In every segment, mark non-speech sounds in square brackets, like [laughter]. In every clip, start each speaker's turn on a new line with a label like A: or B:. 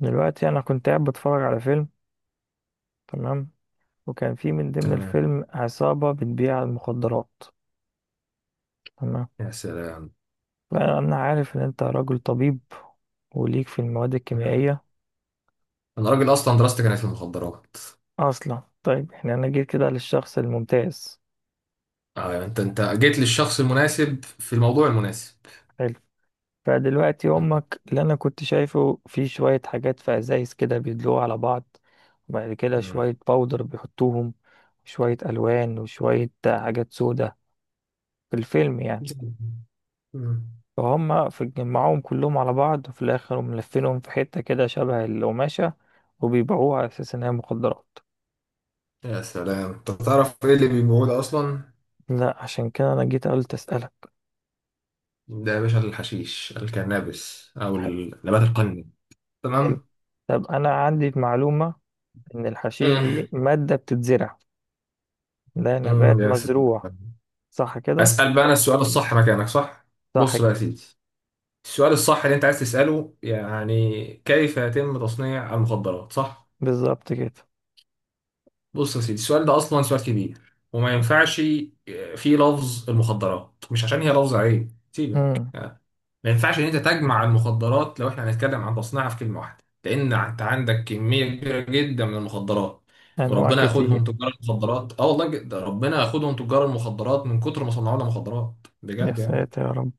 A: دلوقتي انا كنت قاعد بتفرج على فيلم. تمام. وكان في من ضمن
B: تمام.
A: الفيلم عصابة بتبيع المخدرات. تمام.
B: يا سلام،
A: فانا عارف ان انت راجل طبيب وليك في المواد الكيميائية.
B: انا راجل اصلا دراستي كانت في المخدرات.
A: اصلا طيب احنا انا جيت كده للشخص الممتاز.
B: اه انت جيت للشخص المناسب في الموضوع المناسب.
A: حلو. فدلوقتي
B: مم.
A: امك اللي انا كنت شايفه في شوية حاجات في ازايز كده بيدلوها على بعض. وبعد كده
B: مم.
A: شوية باودر بيحطوهم. وشوية الوان وشوية حاجات سودة، في الفيلم يعني.
B: مم.
A: فهم في جمعوهم كلهم على بعض وفي الآخر ملفينهم في حتة كده شبه القماشة، وبيبيعوها على أساس إن هي مخدرات.
B: يا سلام، انت تعرف ايه اللي بيبيعوه ده اصلا؟
A: لا عشان كده أنا جيت قلت أسألك.
B: ده يا باشا الحشيش، الكنابس او
A: [laughs]
B: النبات القني.
A: حلو.
B: تمام.
A: طب أنا عندي معلومة إن الحشيش
B: مم.
A: دي مادة بتتزرع، ده
B: مم.
A: نبات
B: يا سلام.
A: مزروع. صح كده؟
B: اسال بقى، انا السؤال الصح مكانك صح.
A: صح
B: بص بقى يا
A: كده.
B: سيدي، السؤال الصح اللي انت عايز تساله يعني كيف يتم تصنيع المخدرات، صح.
A: بالظبط كده.
B: بص يا سيدي، السؤال ده اصلا سؤال كبير، وما ينفعش فيه لفظ المخدرات، مش عشان هي لفظ عيب سيبك.
A: مم.
B: ما ينفعش ان انت تجمع المخدرات لو احنا هنتكلم عن تصنيعها في كلمه واحده، لان انت عندك كميه كبيره جدا من المخدرات.
A: أنواع
B: وربنا
A: كتير.
B: ياخدهم تجار المخدرات، اه والله ربنا ياخدهم تجار المخدرات من كتر ما صنعوا لنا مخدرات،
A: يا
B: بجد يعني.
A: ساتر يا رب.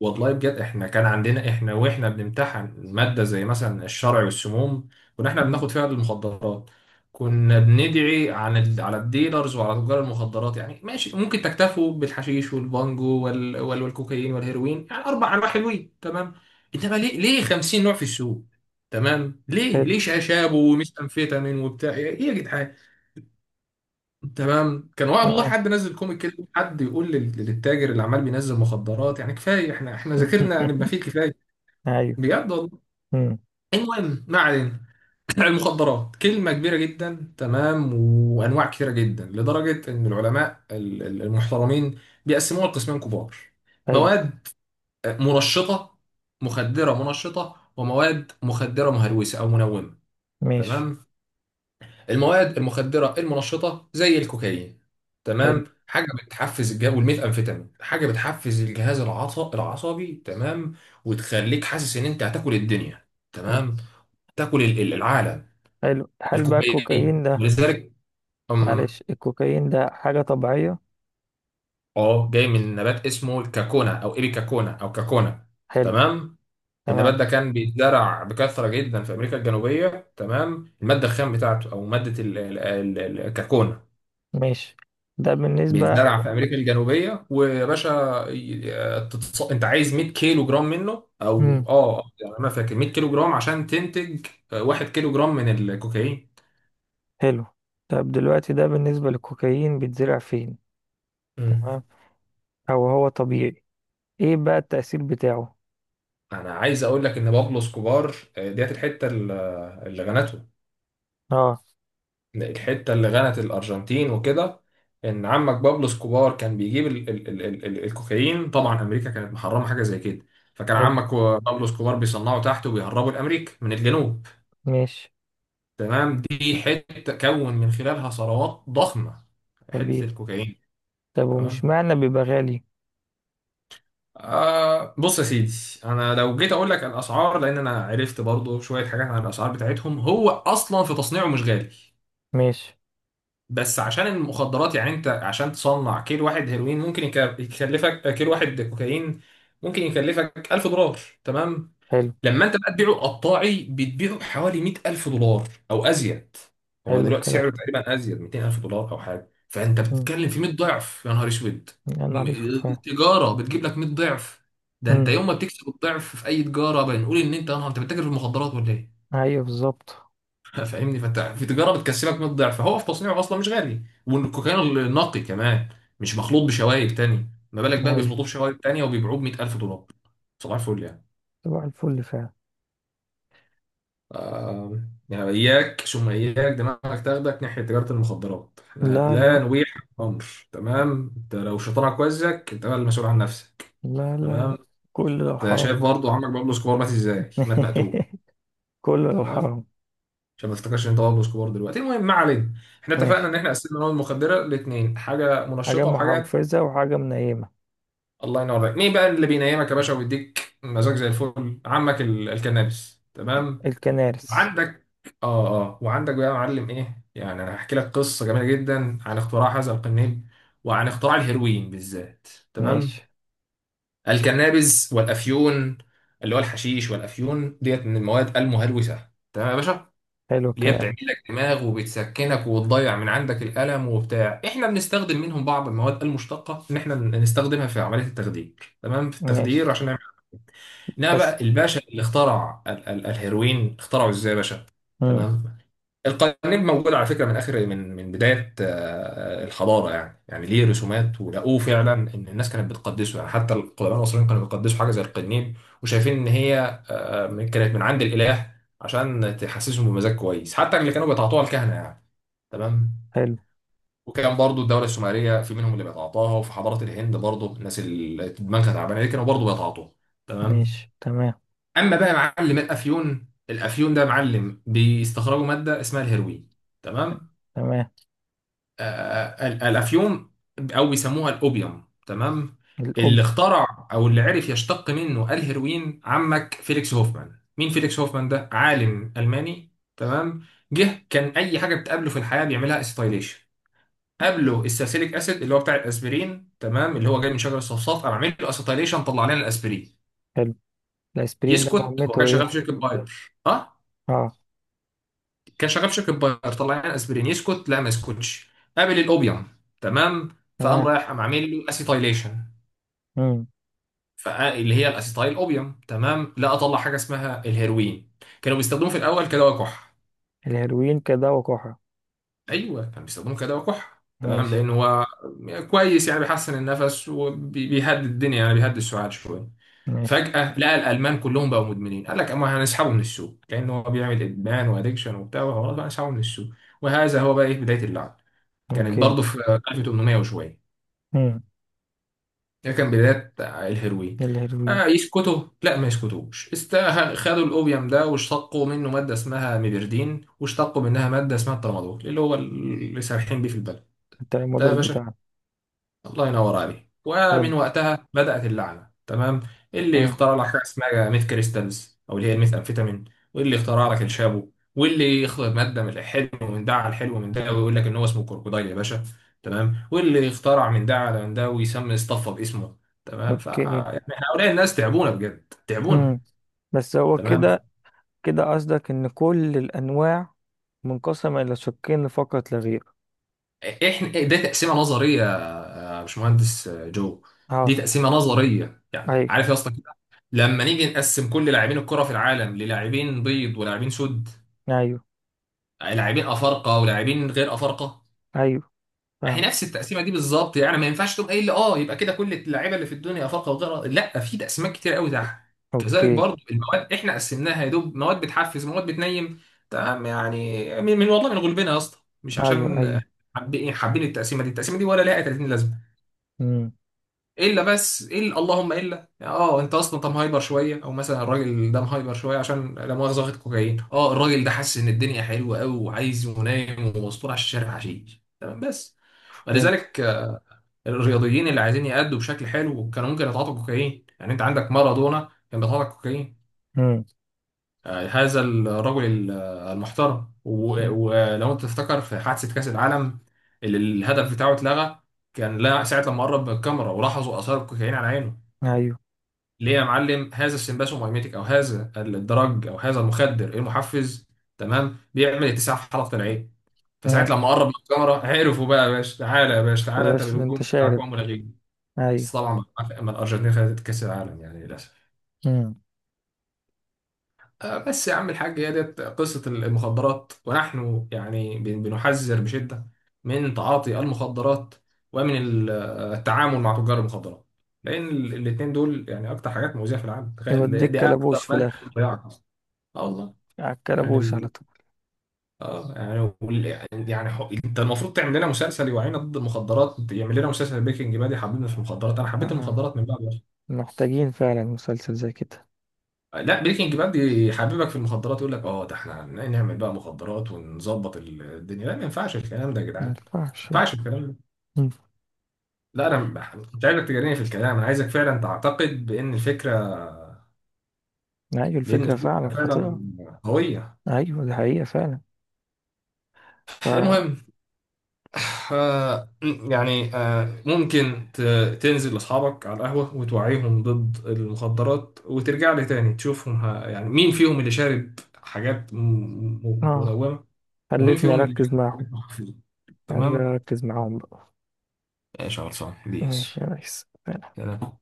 B: والله بجد احنا كان عندنا احنا واحنا بنمتحن مادة زي مثلا الشرع والسموم، كنا احنا
A: مم.
B: بناخد فيها المخدرات. كنا بندعي عن على الديلرز وعلى تجار المخدرات، يعني ماشي ممكن تكتفوا بالحشيش والبانجو والكوكايين والهيروين، يعني اربع انواع حلوين، تمام. انما ليه ليه 50 نوع في السوق؟ تمام، ليه
A: حلو.
B: ليه شاشاب ومش امفيتامين وبتاع ايه يا جدعان؟ تمام، كان والله
A: تمام.
B: حد نزل كوميك كده، حد يقول للتاجر اللي عمال بينزل مخدرات، يعني كفايه احنا ذاكرنا، يعني ما
A: [laughs]
B: فيه كفايه.
A: أيوه.
B: بجد والله.
A: مم.
B: المهم ما علينا. [laughs] [clears throat] المخدرات كلمه كبيره جدا تمام، وانواع كثيره جدا لدرجه ان العلماء المحترمين بيقسموها لقسمين كبار.
A: حلو.
B: مواد مرشطه مخدره منشطه، ومواد مخدره مهلوسه او منومه.
A: ماشي.
B: تمام. المواد المخدره المنشطه زي الكوكايين،
A: حلو.
B: تمام، حاجه بتحفز الجهاز، والميثامفيتامين حاجه بتحفز الجهاز العصبي، تمام، وتخليك حاسس ان انت هتاكل الدنيا.
A: طب.
B: تمام، تاكل العالم.
A: حلو، هل بقى
B: الكوكايين،
A: الكوكايين ده،
B: ولذلك أم-
A: معلش الكوكايين ده حاجة طبيعية؟
B: اه جاي من نبات اسمه الكاكونا او ايبيكاكونا او كاكونا.
A: حلو.
B: تمام. النبات
A: تمام.
B: ده كان بيتزرع بكثره جدا في امريكا الجنوبيه، تمام، الماده الخام بتاعته او ماده الكاكونا
A: ماشي. ده بالنسبة،
B: بيتزرع في امريكا الجنوبيه. ويا باشا، انت عايز 100 كيلو جرام منه، او
A: مم.
B: اه يعني ما فاكر، 100 كيلو جرام عشان تنتج 1 كيلو جرام من الكوكايين.
A: حلو، طب دلوقتي ده بالنسبة للكوكايين، بيتزرع فين؟
B: مم.
A: تمام. أو هو طبيعي؟ ايه بقى التأثير بتاعه؟
B: انا عايز اقول لك ان بابلو اسكوبار، ديت الحته اللي غنته،
A: اه.
B: الحته اللي غنت الارجنتين وكده، ان عمك بابلو اسكوبار كان بيجيب ال الكوكايين. طبعا امريكا كانت محرمه حاجه زي كده، فكان
A: حلو.
B: عمك بابلو اسكوبار بيصنعوا تحت وبيهربوا لامريكا من الجنوب.
A: ماشي.
B: تمام، دي حته كون من خلالها ثروات ضخمه، حته
A: طبيعي.
B: الكوكايين.
A: طب ومش
B: تمام.
A: معنى بيبقى غالي؟
B: آه بص يا سيدي، انا لو جيت اقول لك الاسعار، لان انا عرفت برضو شويه حاجات عن الاسعار بتاعتهم، هو اصلا في تصنيعه مش غالي،
A: ماشي.
B: بس عشان المخدرات يعني. انت عشان تصنع كيلو واحد هيروين ممكن يكلفك، كيلو واحد كوكايين ممكن يكلفك $1000. تمام.
A: حلو.
B: لما انت بقى تبيعه قطاعي بتبيعه بحوالي $100000 او ازيد. هو
A: حلو
B: دلوقتي
A: الكلام.
B: سعره تقريبا ازيد $200000 او حاجه، فانت
A: مم.
B: بتتكلم في 100 ضعف، يا نهار اسود.
A: يا
B: م-
A: نهار اسود فعلا.
B: التجاره بتجيب لك 100 ضعف؟ ده انت
A: مم.
B: يوم ما بتكسب الضعف في اي تجاره بنقول ان انت يا نهار انت بتتاجر في المخدرات ولا ايه؟
A: ايوه بالظبط.
B: [laughs] فاهمني؟ فانت في تجاره بتكسبك 100 ضعف، فهو في تصنيعه اصلا مش غالي، والكوكايين النقي كمان مش مخلوط بشوائب تاني، ما بالك بقى
A: ايوه
B: بيخلطوه بشوائب تانيه وبيبيعوه ب $100000؟ صباح الفل يعني.
A: طبعا الفل فعلا.
B: آه، يعني إياك ثم إياك دماغك تاخدك ناحية تجارة المخدرات. إحنا
A: لا
B: لا
A: لا.
B: نبيح أمر. تمام، أنت لو شيطانك وزك أنت بقى المسؤول عن نفسك،
A: لا لا لا.
B: تمام.
A: كله لو
B: أنت
A: حرام.
B: شايف برضه عمك بابلو اسكوبار مات إزاي؟ مات مقتول،
A: [laughs] كله لو
B: تمام،
A: حرام.
B: عشان ما تفتكرش إن أنت بابلو اسكوبار دلوقتي. المهم ما علينا. إحنا اتفقنا
A: ماشي.
B: إن إحنا قسمنا المواد المخدرة لاتنين، حاجة
A: حاجة
B: منشطة وحاجة.
A: محفزة وحاجة منيمة.
B: الله ينور عليك. مين بقى اللي بينيمك يا باشا ويديك مزاج زي الفل؟ عمك الكنابس، تمام،
A: الكنارس.
B: عندك. اه اه، وعندك بقى يا معلم ايه، يعني انا هحكي لك قصه جميله جدا عن اختراع هذا القنيل، وعن اختراع الهيروين بالذات. تمام.
A: ماشي.
B: الكنابز والافيون، اللي هو الحشيش والافيون، ديت من المواد المهلوسه تمام يا باشا،
A: حلو
B: اللي هي
A: الكلام.
B: بتعمل لك دماغ وبتسكنك وبتضيع من عندك الالم وبتاع. احنا بنستخدم منهم بعض المواد المشتقه ان احنا نستخدمها في عمليه التخدير، تمام، في التخدير
A: ماشي.
B: عشان نعمل. انما
A: بس.
B: بقى الباشا اللي اخترع ال الهيروين اخترعه ازاي يا باشا.
A: مم.
B: تمام. القليب موجود على فكرة من آخر من من بداية الحضارة يعني، يعني ليه رسومات ولقوه فعلا إن الناس كانت بتقدسه، يعني حتى القدماء المصريين كانوا بيقدسوا حاجة زي القنيب، وشايفين إن هي كانت من عند الإله عشان تحسسهم بمزاج كويس، حتى اللي كانوا بيتعاطوها الكهنة يعني. تمام.
A: حلو.
B: وكان برضو الدولة السومرية في منهم اللي بيتعاطاها، وفي حضارة الهند برضو الناس اللي دماغها تعبانة دي كانوا برضو بيتعاطوها، تمام.
A: ماشي تمام.
B: أما بقى معلم الأفيون، الأفيون ده معلم بيستخرجوا مادة اسمها الهيروين، تمام.
A: تمام.
B: الافيون او بيسموها الاوبيوم، تمام. اللي
A: الأوبيا.
B: اخترع او اللي عرف يشتق منه الهيروين عمك فيليكس هوفمان. مين فيليكس هوفمان ده؟ عالم الماني، تمام. جه كان اي حاجه بتقابله في الحياه بيعملها اسيتايليشن. قابله الساسيليك اسيد اللي هو بتاع الاسبرين، تمام، اللي هو جاي من شجر الصفصاف، انا عامل له اسيتايليشن، طلع لنا الاسبرين.
A: حلو. الأسبرين ده
B: يسكت؟ هو
A: مهمته
B: كان
A: إيه؟
B: شغال في شركه باير، اه.
A: أه.
B: كان شغال في شركه باير، طلعنا اسبرين، يسكت؟ لا ما يسكتش. قابل الاوبيوم، تمام، فقام
A: تمام.
B: رايح قام عامل له اسيتايليشن،
A: مم.
B: اللي هي الاسيتايل اوبيوم، تمام، لا اطلع حاجه اسمها الهيروين. كانوا بيستخدموه في الاول كدواء كح.
A: الهيروين كدواء كحة؟
B: ايوه كانوا بيستخدموه كدواء كح، تمام،
A: ماشي.
B: لان هو كويس يعني، بيحسن النفس وبيهدي الدنيا يعني، بيهدي السعال شويه.
A: ماشي.
B: فجاه لقى الالمان كلهم بقوا مدمنين. قال لك اما هنسحبه من السوق، كانه هو بيعمل ادمان وادكشن وبتاع وحوارات، هنسحبه من السوق. وهذا هو بقى ايه بدايه اللعب، كانت
A: أوكي.
B: برضه في 1800 وشويه،
A: مم.
B: ده كان بدايه الهيروين.
A: الهيروين.
B: آه يسكتوا؟ لا ما يسكتوش استاهل. خدوا الاوبيوم ده واشتقوا منه ماده اسمها ميبردين، واشتقوا منها ماده اسمها الترامادول، اللي هو اللي سارحين بيه في البلد
A: بتاع
B: ده
A: الموديل
B: يا باشا.
A: بتاعنا.
B: الله ينور عليك.
A: حلو.
B: ومن وقتها بدأت اللعنة، تمام. اللي
A: أه.
B: يخترع لك حاجة اسمها ميث كريستالز، أو اللي هي الميث أمفيتامين، واللي يخترع لك الشابو، واللي يخلط مادة من الحلو من ده على الحلو من ده ويقول لك إن هو اسمه كروكودايل يا باشا، تمام، واللي يخترع من ده على من ده ويسمي اصطفى باسمه، تمام، ف
A: أوكي.
B: يعني هؤلاء الناس تعبونا بجد، تعبونا.
A: مم. بس هو
B: تمام.
A: كده؟ كده قصدك إن كل الأنواع منقسمة إلى شقين فقط لا غير؟
B: احنا ده تقسيمه نظريه يا باشمهندس جو،
A: أه.
B: دي تقسيمه نظريه يعني،
A: أيوه.
B: عارف يا اسطى كده؟ لما نيجي نقسم كل لاعبين الكره في العالم للاعبين بيض ولاعبين سود،
A: أيوه
B: لاعبين افارقه ولاعبين غير افارقه،
A: ايوه
B: هي
A: فاهم.
B: نفس التقسيمه دي بالظبط. يعني ما ينفعش تقوم قايل لي اه يبقى كده كل اللعيبه اللي في الدنيا افارقه وغيرها، لا، في تقسيمات كتير قوي تحت. كذلك
A: اوكي.
B: برضو المواد احنا قسمناها يا دوب، مواد بتحفز مواد بتنيم، تمام، يعني من من والله من غلبنا يا اسطى، مش
A: ايوه
B: عشان
A: ايوه
B: حابين التقسيمه دي ولا لها 30 لازمه.
A: امم.
B: الا بس الا اللهم الا، يعني اه انت اصلا طب هايبر شويه، او مثلا الراجل ده مهايبر شويه عشان لا مؤاخذه واخد كوكايين، اه الراجل ده حاسس ان الدنيا حلوه قوي وعايز ينام ومسطول على الشارع حشيش، تمام، بس.
A: فهمت.
B: ولذلك الرياضيين اللي عايزين يأدوا بشكل حلو كانوا ممكن يتعاطوا كوكايين، يعني انت عندك مارادونا كان بيتعاطى كوكايين.
A: امم.
B: هذا الرجل المحترم،
A: أمم.
B: ولو انت تفتكر في حادثه كاس العالم اللي الهدف بتاعه اتلغى، كان لا ساعه لما قرب من الكاميرا ولاحظوا اثار الكوكايين على عينه.
A: ايوه.
B: ليه يا معلم؟ هذا السمباس مايميتيك او هذا الدرج او هذا المخدر، إيه المحفز، تمام، بيعمل اتساع في حلقه العين، فساعات
A: امم.
B: لما قرب من الكاميرا عرفوا. بقى يا باشا تعالى يا باشا تعالى انت
A: فبس انت
B: بالهجوم بتاعك
A: شارب.
B: وهم لاغيين. بس
A: ايوه.
B: طبعا ما الارجنتين خدت كاس العالم يعني، للاسف.
A: امم.
B: بس يا عم الحاج، هي ديت قصه المخدرات، ونحن يعني بنحذر بشده من تعاطي المخدرات، ومن التعامل مع تجار المخدرات، لان الاثنين دول يعني اكتر حاجات مؤذيه في العالم. تخيل،
A: يوديك
B: دي اكتر
A: كلبوش في
B: ماده
A: الاخر.
B: بتضيعك. اه والله.
A: على
B: يعني
A: الكلبوش على طول.
B: اه يعني وال- يعني انت المفروض تعمل لنا مسلسل يوعينا ضد المخدرات. يعمل لنا مسلسل بريكنج باد يحببنا في المخدرات، انا حبيت
A: آه.
B: المخدرات من بعد بس.
A: محتاجين فعلا مسلسل زي كده.
B: لا، بريكنج باد يحببك في المخدرات، يقول لك اه ده احنا نعمل بقى مخدرات ونظبط الدنيا، لا ما ينفعش الكلام ده يا
A: ما
B: جدعان، ما
A: ينفعش.
B: ينفعش الكلام ده.
A: أمم.
B: لا انا مش عايزك تجاريني في الكلام، انا عايزك فعلا تعتقد بان الفكره،
A: ايوه
B: بان
A: الفكره فعلا
B: الفكره فعلا
A: خطيره.
B: قويه.
A: ايوه دي حقيقه فعلا. ف،
B: المهم، يعني ممكن تنزل لأصحابك على القهوة وتوعيهم ضد المخدرات، وترجع لي تاني تشوفهم، يعني مين فيهم اللي شارب حاجات
A: اه
B: منومة، ومين
A: خلتني
B: فيهم اللي
A: اركز
B: شارب
A: معاهم.
B: حاجات مخفية.
A: انا
B: تمام.
A: اركز معاهم بقى.
B: ايش خلصان بيس.
A: ماشي يا ريس.
B: سلام.